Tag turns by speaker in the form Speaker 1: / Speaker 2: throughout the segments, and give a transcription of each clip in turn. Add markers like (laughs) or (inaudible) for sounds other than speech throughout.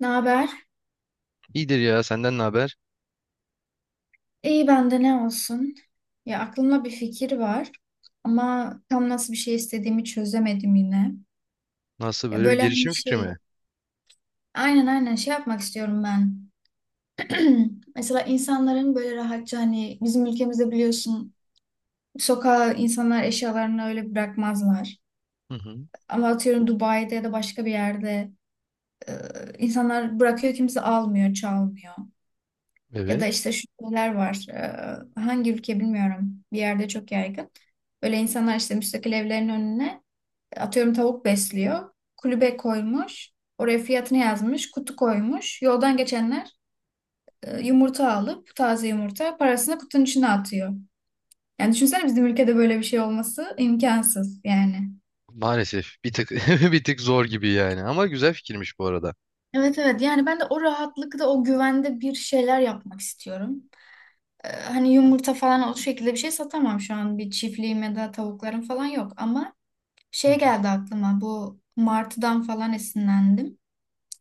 Speaker 1: Ne haber?
Speaker 2: İyidir ya senden ne haber?
Speaker 1: İyi bende ne olsun? Ya aklımda bir fikir var ama tam nasıl bir şey istediğimi çözemedim yine.
Speaker 2: Nasıl
Speaker 1: Ya
Speaker 2: böyle bir
Speaker 1: böyle hani
Speaker 2: girişim fikri mi?
Speaker 1: şey, aynen şey yapmak istiyorum ben. (clears throat) Mesela insanların böyle rahatça hani bizim ülkemizde biliyorsun sokağa insanlar eşyalarını öyle bırakmazlar.
Speaker 2: Hı hı.
Speaker 1: Ama atıyorum Dubai'de ya da başka bir yerde e, insanlar bırakıyor, kimse almıyor, çalmıyor. Ya
Speaker 2: Evet.
Speaker 1: da işte şu şeyler var. Hangi ülke bilmiyorum. Bir yerde çok yaygın. Böyle insanlar işte müstakil evlerin önüne atıyorum tavuk besliyor. Kulübe koymuş. Oraya fiyatını yazmış. Kutu koymuş. Yoldan geçenler yumurta alıp taze yumurta parasını kutunun içine atıyor. Yani düşünsene bizim ülkede böyle bir şey olması imkansız yani.
Speaker 2: Maalesef bir tık (laughs) bir tık zor gibi yani ama güzel fikirmiş bu arada.
Speaker 1: Evet, evet, yani ben de o rahatlıkta o güvende bir şeyler yapmak istiyorum. Hani yumurta falan o şekilde bir şey satamam şu an. Bir çiftliğim ya da tavuklarım falan yok. Ama
Speaker 2: Hı
Speaker 1: şey
Speaker 2: hı.
Speaker 1: geldi aklıma, bu martıdan falan esinlendim.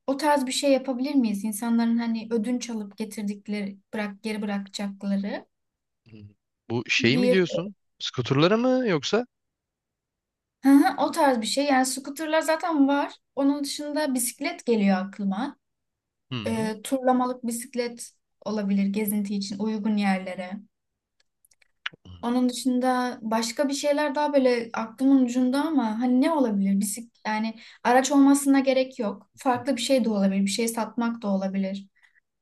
Speaker 1: O tarz bir şey yapabilir miyiz? İnsanların hani ödünç alıp getirdikleri, bırak geri bırakacakları
Speaker 2: Hı hı. Bu şey mi
Speaker 1: bir.
Speaker 2: diyorsun? Skuterlara mı yoksa?
Speaker 1: Hı hı, o tarz bir şey. Yani scooterlar zaten var. Onun dışında bisiklet geliyor aklıma.
Speaker 2: Hı hı.
Speaker 1: E, turlamalık bisiklet olabilir, gezinti için uygun yerlere. Onun dışında başka bir şeyler daha böyle aklımın ucunda ama hani ne olabilir? Bisik, yani araç olmasına gerek yok. Farklı bir şey de olabilir. Bir şey satmak da olabilir.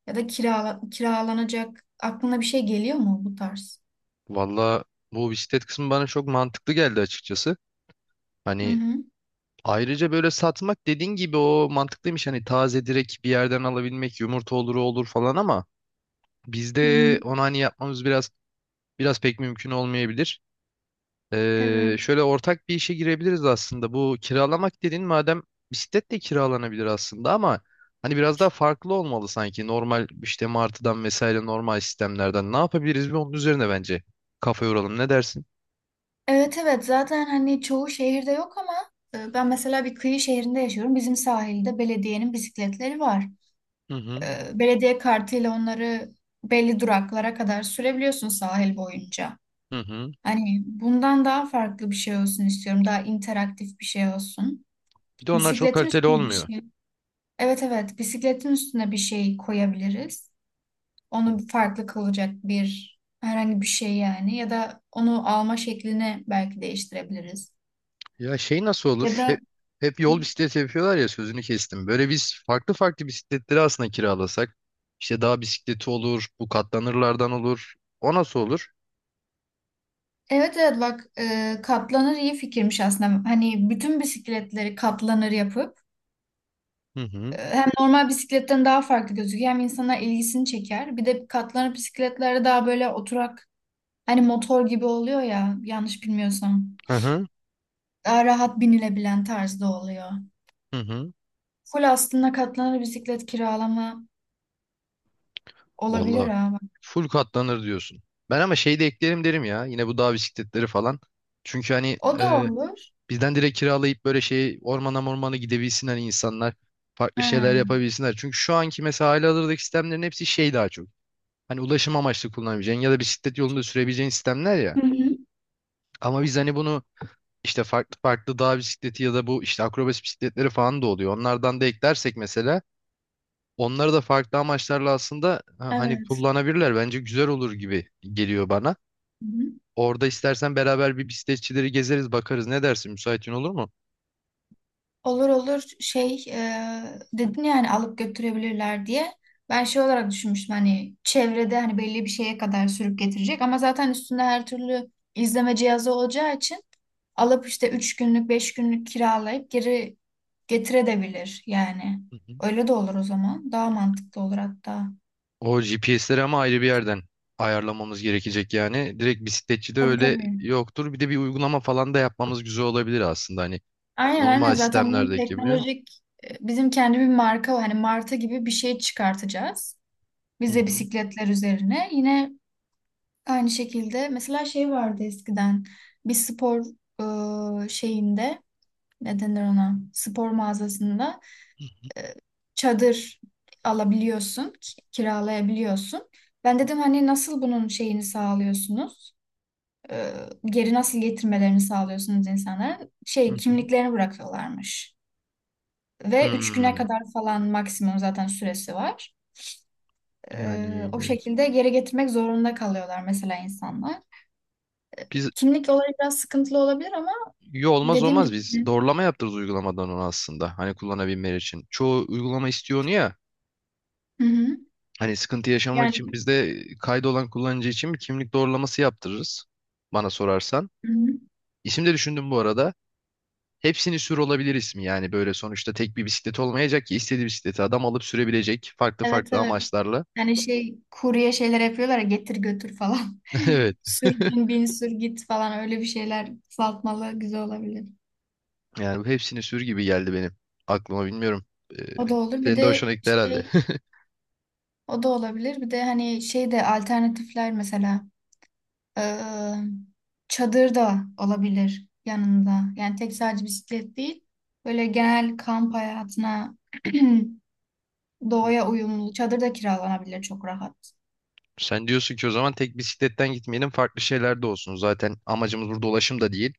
Speaker 1: Ya da kiralanacak. Aklına bir şey geliyor mu bu tarz?
Speaker 2: Valla bu bisiklet kısmı bana çok mantıklı geldi açıkçası.
Speaker 1: Hı
Speaker 2: Hani
Speaker 1: hı.
Speaker 2: ayrıca böyle satmak dediğin gibi o mantıklıymış. Hani taze direkt bir yerden alabilmek yumurta olur o olur falan ama
Speaker 1: Hı hı.
Speaker 2: bizde onu hani yapmamız biraz pek mümkün olmayabilir.
Speaker 1: Evet.
Speaker 2: Şöyle ortak bir işe girebiliriz aslında. Bu kiralamak dediğin madem bisiklet de kiralanabilir aslında ama hani biraz daha farklı olmalı sanki. Normal işte martıdan vesaire normal sistemlerden ne yapabiliriz bir onun üzerine bence kafa yoralım. Ne dersin?
Speaker 1: Evet, evet, zaten hani çoğu şehirde yok ama ben mesela bir kıyı şehrinde yaşıyorum. Bizim sahilde belediyenin bisikletleri var.
Speaker 2: Hı hı
Speaker 1: E, belediye kartıyla onları belli duraklara kadar sürebiliyorsun sahil boyunca.
Speaker 2: hı hı.
Speaker 1: Hani bundan daha farklı bir şey olsun istiyorum. Daha interaktif bir şey olsun.
Speaker 2: Bir de onlar çok
Speaker 1: Bisikletin
Speaker 2: kaliteli
Speaker 1: üstüne bir
Speaker 2: olmuyor.
Speaker 1: şey. Evet, evet, bisikletin üstüne bir şey koyabiliriz.
Speaker 2: Hı.
Speaker 1: Onu farklı kılacak bir herhangi bir şey yani. Ya da onu alma şeklini belki değiştirebiliriz.
Speaker 2: Ya şey nasıl
Speaker 1: Ya
Speaker 2: olur? Hep,
Speaker 1: da
Speaker 2: hep yol bisikleti yapıyorlar ya sözünü kestim. Böyle biz farklı farklı bisikletleri aslında kiralasak. İşte dağ bisikleti olur, bu katlanırlardan olur. O nasıl olur?
Speaker 1: evet, evet, bak, katlanır iyi fikirmiş aslında. Hani bütün bisikletleri katlanır yapıp
Speaker 2: Hı hı.
Speaker 1: hem normal bisikletten daha farklı gözüküyor hem insana ilgisini çeker. Bir de katlanır bisikletlere daha böyle oturak. Hani motor gibi oluyor ya, yanlış bilmiyorsam.
Speaker 2: Hı hı.
Speaker 1: Daha rahat binilebilen tarzda oluyor.
Speaker 2: Hı hı.
Speaker 1: Full aslında katlanır bisiklet kiralama olabilir
Speaker 2: Vallahi
Speaker 1: ha, bak.
Speaker 2: full katlanır diyorsun. Ben ama şey de eklerim derim ya. Yine bu dağ bisikletleri falan. Çünkü hani
Speaker 1: O da olur.
Speaker 2: bizden direkt kiralayıp böyle şey ormana mormana gidebilsin hani insanlar. Farklı şeyler
Speaker 1: Ha.
Speaker 2: yapabilsinler. Çünkü şu anki mesela halihazırdaki sistemlerin hepsi şey daha çok. Hani ulaşım amaçlı kullanabileceğin ya da bisiklet yolunda sürebileceğin sistemler ya.
Speaker 1: Hı hı.
Speaker 2: Ama biz hani bunu işte farklı farklı dağ bisikleti ya da bu işte akrobasi bisikletleri falan da oluyor. Onlardan da eklersek mesela onları da farklı amaçlarla aslında hani
Speaker 1: Evet.
Speaker 2: kullanabilirler. Bence güzel olur gibi geliyor bana.
Speaker 1: Hı hı.
Speaker 2: Orada istersen beraber bir bisikletçileri gezeriz, bakarız. Ne dersin? Müsaitin olur mu?
Speaker 1: Olur olur, şey, dedin yani alıp götürebilirler diye. Ben şey olarak düşünmüştüm, hani çevrede hani belli bir şeye kadar sürüp getirecek ama zaten üstünde her türlü izleme cihazı olacağı için alıp işte 3 günlük 5 günlük kiralayıp geri getirebilir yani.
Speaker 2: Hı hı.
Speaker 1: Öyle de olur o zaman. Daha mantıklı olur hatta.
Speaker 2: O GPS'leri ama ayrı bir yerden ayarlamamız gerekecek yani. Direkt bisikletçi de
Speaker 1: Tabii
Speaker 2: öyle
Speaker 1: tabii.
Speaker 2: yoktur. Bir de bir uygulama falan da yapmamız güzel olabilir aslında hani
Speaker 1: Aynen aynen,
Speaker 2: normal
Speaker 1: zaten bunun
Speaker 2: sistemlerdeki gibi.
Speaker 1: teknolojik bizim kendi bir marka var. Hani marta gibi bir şey çıkartacağız.
Speaker 2: Hı
Speaker 1: Biz de
Speaker 2: hı.
Speaker 1: bisikletler üzerine. Yine aynı şekilde mesela şey vardı eskiden, bir spor şeyinde, ne denir ona, spor mağazasında e, çadır alabiliyorsun, kiralayabiliyorsun. Ben dedim hani nasıl bunun şeyini sağlıyorsunuz. E, geri nasıl getirmelerini sağlıyorsunuz, insanların
Speaker 2: Hı
Speaker 1: şey
Speaker 2: hı.
Speaker 1: kimliklerini bırakıyorlarmış. Ve üç güne
Speaker 2: Hmm,
Speaker 1: kadar falan maksimum zaten süresi var.
Speaker 2: yani
Speaker 1: E, o
Speaker 2: e,
Speaker 1: şekilde geri getirmek zorunda kalıyorlar mesela insanlar.
Speaker 2: biz
Speaker 1: Kimlik olayı biraz sıkıntılı olabilir ama.
Speaker 2: iyi olmaz
Speaker 1: Dediğim
Speaker 2: olmaz
Speaker 1: gibi.
Speaker 2: biz doğrulama yaptırırız uygulamadan onu aslında hani kullanabilmeleri için. Çoğu uygulama istiyor onu ya
Speaker 1: Hı hı.
Speaker 2: hani sıkıntı yaşamak
Speaker 1: Yani.
Speaker 2: için biz de kaydı olan kullanıcı için bir kimlik doğrulaması yaptırırız bana sorarsan.
Speaker 1: Hı hı.
Speaker 2: İsim de düşündüm bu arada. Hepsini sür olabilir ismi yani böyle sonuçta tek bir bisiklet olmayacak ki istediği bisikleti adam alıp sürebilecek farklı
Speaker 1: Evet,
Speaker 2: farklı
Speaker 1: evet.
Speaker 2: amaçlarla.
Speaker 1: Hani şey, kurye şeyler yapıyorlar ya, getir götür falan.
Speaker 2: (laughs) Evet.
Speaker 1: (laughs) Sür, bin bin sür git falan, öyle bir şeyler, kısaltmalı güzel olabilir.
Speaker 2: Yani bu hepsini sür gibi geldi benim aklıma bilmiyorum. Ee,
Speaker 1: O da olur. Bir
Speaker 2: Senin de
Speaker 1: de
Speaker 2: hoşuna gitti herhalde.
Speaker 1: şey, o da olabilir. Bir de hani şey de alternatifler, mesela eee, çadır da olabilir yanında. Yani tek sadece bisiklet değil. Böyle genel kamp hayatına (clears throat) doğaya
Speaker 2: (laughs)
Speaker 1: uyumlu çadır da kiralanabilir çok rahat.
Speaker 2: Sen diyorsun ki o zaman tek bisikletten gitmeyelim farklı şeyler de olsun. Zaten amacımız burada ulaşım da değil.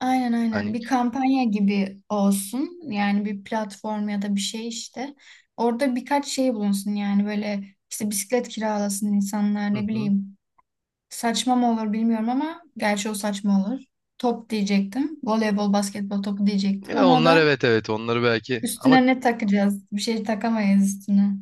Speaker 1: Aynen aynen,
Speaker 2: Hani
Speaker 1: bir kampanya gibi olsun yani, bir platform ya da bir şey işte, orada birkaç şey bulunsun yani, böyle işte bisiklet kiralasın insanlar,
Speaker 2: Hı
Speaker 1: ne
Speaker 2: hı.
Speaker 1: bileyim, saçma mı olur bilmiyorum ama gerçi o saçma olur, top diyecektim, voleybol basketbol topu diyecektim
Speaker 2: Ya
Speaker 1: ama o
Speaker 2: onlar
Speaker 1: da,
Speaker 2: evet evet onları belki ama
Speaker 1: üstüne ne takacağız, bir şey takamayız üstüne.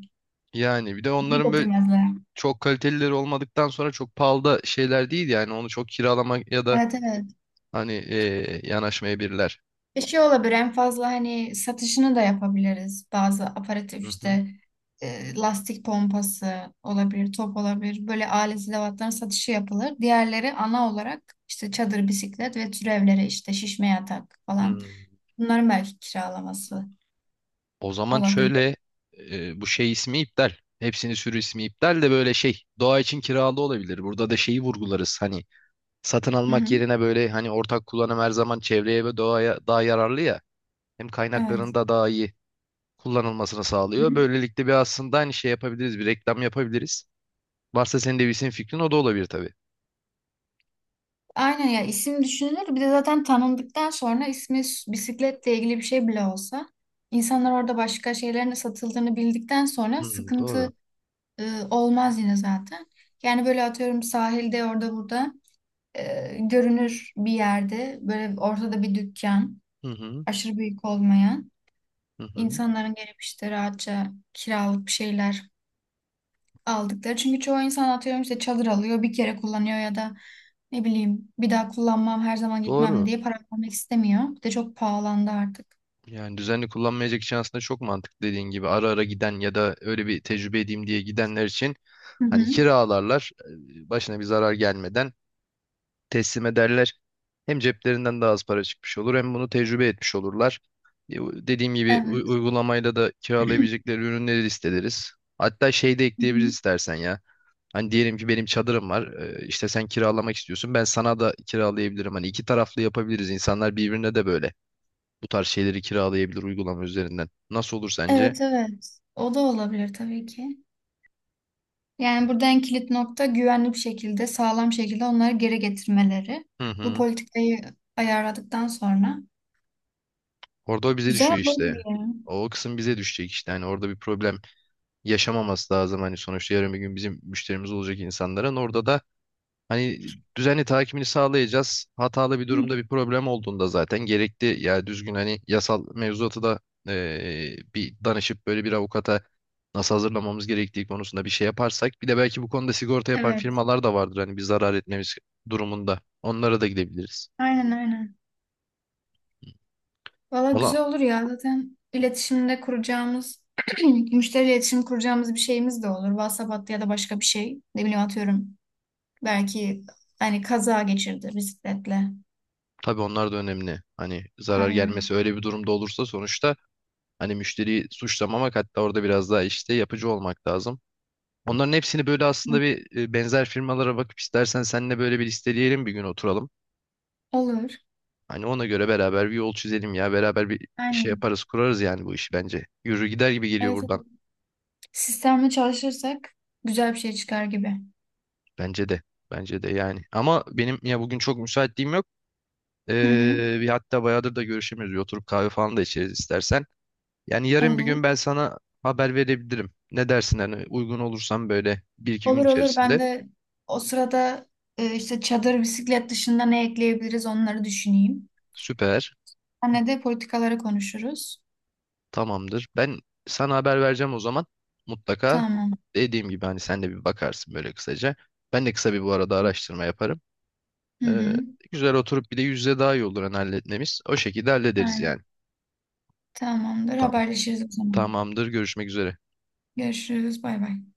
Speaker 2: yani bir de
Speaker 1: Bunu
Speaker 2: onların böyle
Speaker 1: getirmezler.
Speaker 2: çok kalitelileri olmadıktan sonra çok pahalı da şeyler değil yani onu çok kiralamak ya da
Speaker 1: Evet, evet.
Speaker 2: hani yanaşmayabilirler.
Speaker 1: Bir şey olabilir en fazla, hani satışını da yapabiliriz. Bazı aparatif
Speaker 2: Hı hı.
Speaker 1: işte lastik pompası olabilir, top olabilir. Böyle alet edevatların satışı yapılır. Diğerleri ana olarak işte çadır, bisiklet ve türevleri, işte şişme yatak falan.
Speaker 2: Hmm.
Speaker 1: Bunların belki kiralaması
Speaker 2: O zaman
Speaker 1: olabilir.
Speaker 2: şöyle bu şey ismi iptal. Hepsinin sürü ismi iptal de böyle şey doğa için kiralı olabilir. Burada da şeyi vurgularız hani satın
Speaker 1: Hı hı.
Speaker 2: almak yerine böyle hani ortak kullanım her zaman çevreye ve doğaya daha yararlı ya. Hem kaynakların
Speaker 1: Evet.
Speaker 2: da daha iyi kullanılmasını
Speaker 1: Hı
Speaker 2: sağlıyor.
Speaker 1: hı.
Speaker 2: Böylelikle bir aslında aynı şey yapabiliriz, bir reklam yapabiliriz. Varsa senin de bir senin fikrin o da olabilir tabii.
Speaker 1: Aynen, ya, isim düşünülür. Bir de zaten tanındıktan sonra ismi bisikletle ilgili bir şey bile olsa, insanlar orada başka şeylerin de satıldığını bildikten sonra
Speaker 2: Hmm, doğru.
Speaker 1: sıkıntı olmaz yine zaten. Yani böyle atıyorum sahilde, orada burada görünür bir yerde böyle ortada bir dükkan,
Speaker 2: Hı hı,
Speaker 1: aşırı büyük olmayan,
Speaker 2: hı hı.
Speaker 1: insanların gelip işte rahatça kiralık bir şeyler aldıkları. Çünkü çoğu insan atıyorum işte çadır alıyor bir kere kullanıyor ya da ne bileyim bir daha kullanmam, her zaman gitmem
Speaker 2: Doğru.
Speaker 1: diye para vermek istemiyor. Bir de çok pahalandı artık.
Speaker 2: Yani düzenli kullanmayacak için aslında çok mantıklı dediğin gibi ara ara giden ya da öyle bir tecrübe edeyim diye gidenler için
Speaker 1: Hı hı.
Speaker 2: hani kiralarlar başına bir zarar gelmeden teslim ederler. Hem ceplerinden daha az para çıkmış olur hem bunu tecrübe etmiş olurlar. Dediğim gibi
Speaker 1: Evet.
Speaker 2: uygulamayla da kiralayabilecekleri ürünleri listeleriz. Hatta şey de
Speaker 1: Hı
Speaker 2: ekleyebiliriz
Speaker 1: hı.
Speaker 2: istersen ya. Hani diyelim ki benim çadırım var. İşte sen kiralamak istiyorsun. Ben sana da kiralayabilirim. Hani iki taraflı yapabiliriz. İnsanlar birbirine de böyle bu tarz şeyleri kiralayabilir uygulama üzerinden. Nasıl olur sence?
Speaker 1: Evet, evet. O da olabilir tabii ki. Yani burada en kilit nokta güvenli bir şekilde, sağlam şekilde onları geri getirmeleri.
Speaker 2: Hı
Speaker 1: Bu
Speaker 2: hı.
Speaker 1: politikayı ayarladıktan sonra
Speaker 2: Orada o bize
Speaker 1: güzel
Speaker 2: düşüyor
Speaker 1: olur
Speaker 2: işte.
Speaker 1: gibi ya.
Speaker 2: O kısım bize düşecek işte. Hani orada bir problem yaşamaması lazım. Hani sonuçta yarın bir gün bizim müşterimiz olacak insanların. Orada da hani düzenli takibini sağlayacağız. Hatalı bir
Speaker 1: Hı
Speaker 2: durumda
Speaker 1: hı.
Speaker 2: bir problem olduğunda zaten gerekli ya düzgün hani yasal mevzuatı da bir danışıp böyle bir avukata nasıl hazırlamamız gerektiği konusunda bir şey yaparsak bir de belki bu konuda sigorta yapan
Speaker 1: Evet,
Speaker 2: firmalar da vardır hani bir zarar etmemiz durumunda. Onlara da gidebiliriz.
Speaker 1: aynen aynen. Valla
Speaker 2: Valla
Speaker 1: güzel olur ya, zaten iletişimde kuracağımız, (clears throat) müşteri iletişim kuracağımız bir şeyimiz de olur. WhatsApp hattı ya da başka bir şey. Ne bileyim, atıyorum belki hani kaza geçirdi bisikletle.
Speaker 2: tabii onlar da önemli. Hani zarar gelmesi
Speaker 1: Aynen.
Speaker 2: öyle bir durumda olursa sonuçta hani müşteriyi suçlamamak hatta orada biraz daha işte yapıcı olmak lazım. Onların hepsini böyle
Speaker 1: Hı.
Speaker 2: aslında bir benzer firmalara bakıp istersen seninle böyle bir listeleyelim bir gün oturalım.
Speaker 1: Olur.
Speaker 2: Hani ona göre beraber bir yol çizelim ya. Beraber bir şey
Speaker 1: Aynen.
Speaker 2: yaparız, kurarız yani bu işi bence. Yürür gider gibi geliyor
Speaker 1: Evet,
Speaker 2: buradan.
Speaker 1: evet. Sistemle çalışırsak güzel bir şey çıkar gibi.
Speaker 2: Bence de. Bence de yani. Ama benim ya bugün çok müsaitliğim yok.
Speaker 1: Hı hı.
Speaker 2: Bir hatta bayağıdır da görüşemiyoruz. Bir oturup kahve falan da içeriz istersen. Yani yarın bir
Speaker 1: Olur.
Speaker 2: gün ben sana haber verebilirim. Ne dersin hani uygun olursam böyle bir iki gün
Speaker 1: Olur olur. Ben
Speaker 2: içerisinde.
Speaker 1: de o sırada işte çadır, bisiklet dışında ne ekleyebiliriz onları düşüneyim.
Speaker 2: Süper.
Speaker 1: Anne de politikaları konuşuruz.
Speaker 2: Tamamdır. Ben sana haber vereceğim o zaman. Mutlaka
Speaker 1: Tamam.
Speaker 2: dediğim gibi hani sen de bir bakarsın böyle kısaca. Ben de kısa bir bu arada araştırma yaparım.
Speaker 1: Hı
Speaker 2: Ee,
Speaker 1: hı.
Speaker 2: Güzel oturup bir de yüzde daha iyi olur hani halletmemiz. O şekilde hallederiz
Speaker 1: Aynen.
Speaker 2: yani.
Speaker 1: Tamamdır.
Speaker 2: Tamam.
Speaker 1: Haberleşiriz o zaman.
Speaker 2: Tamamdır. Görüşmek üzere.
Speaker 1: Görüşürüz. Bay bay.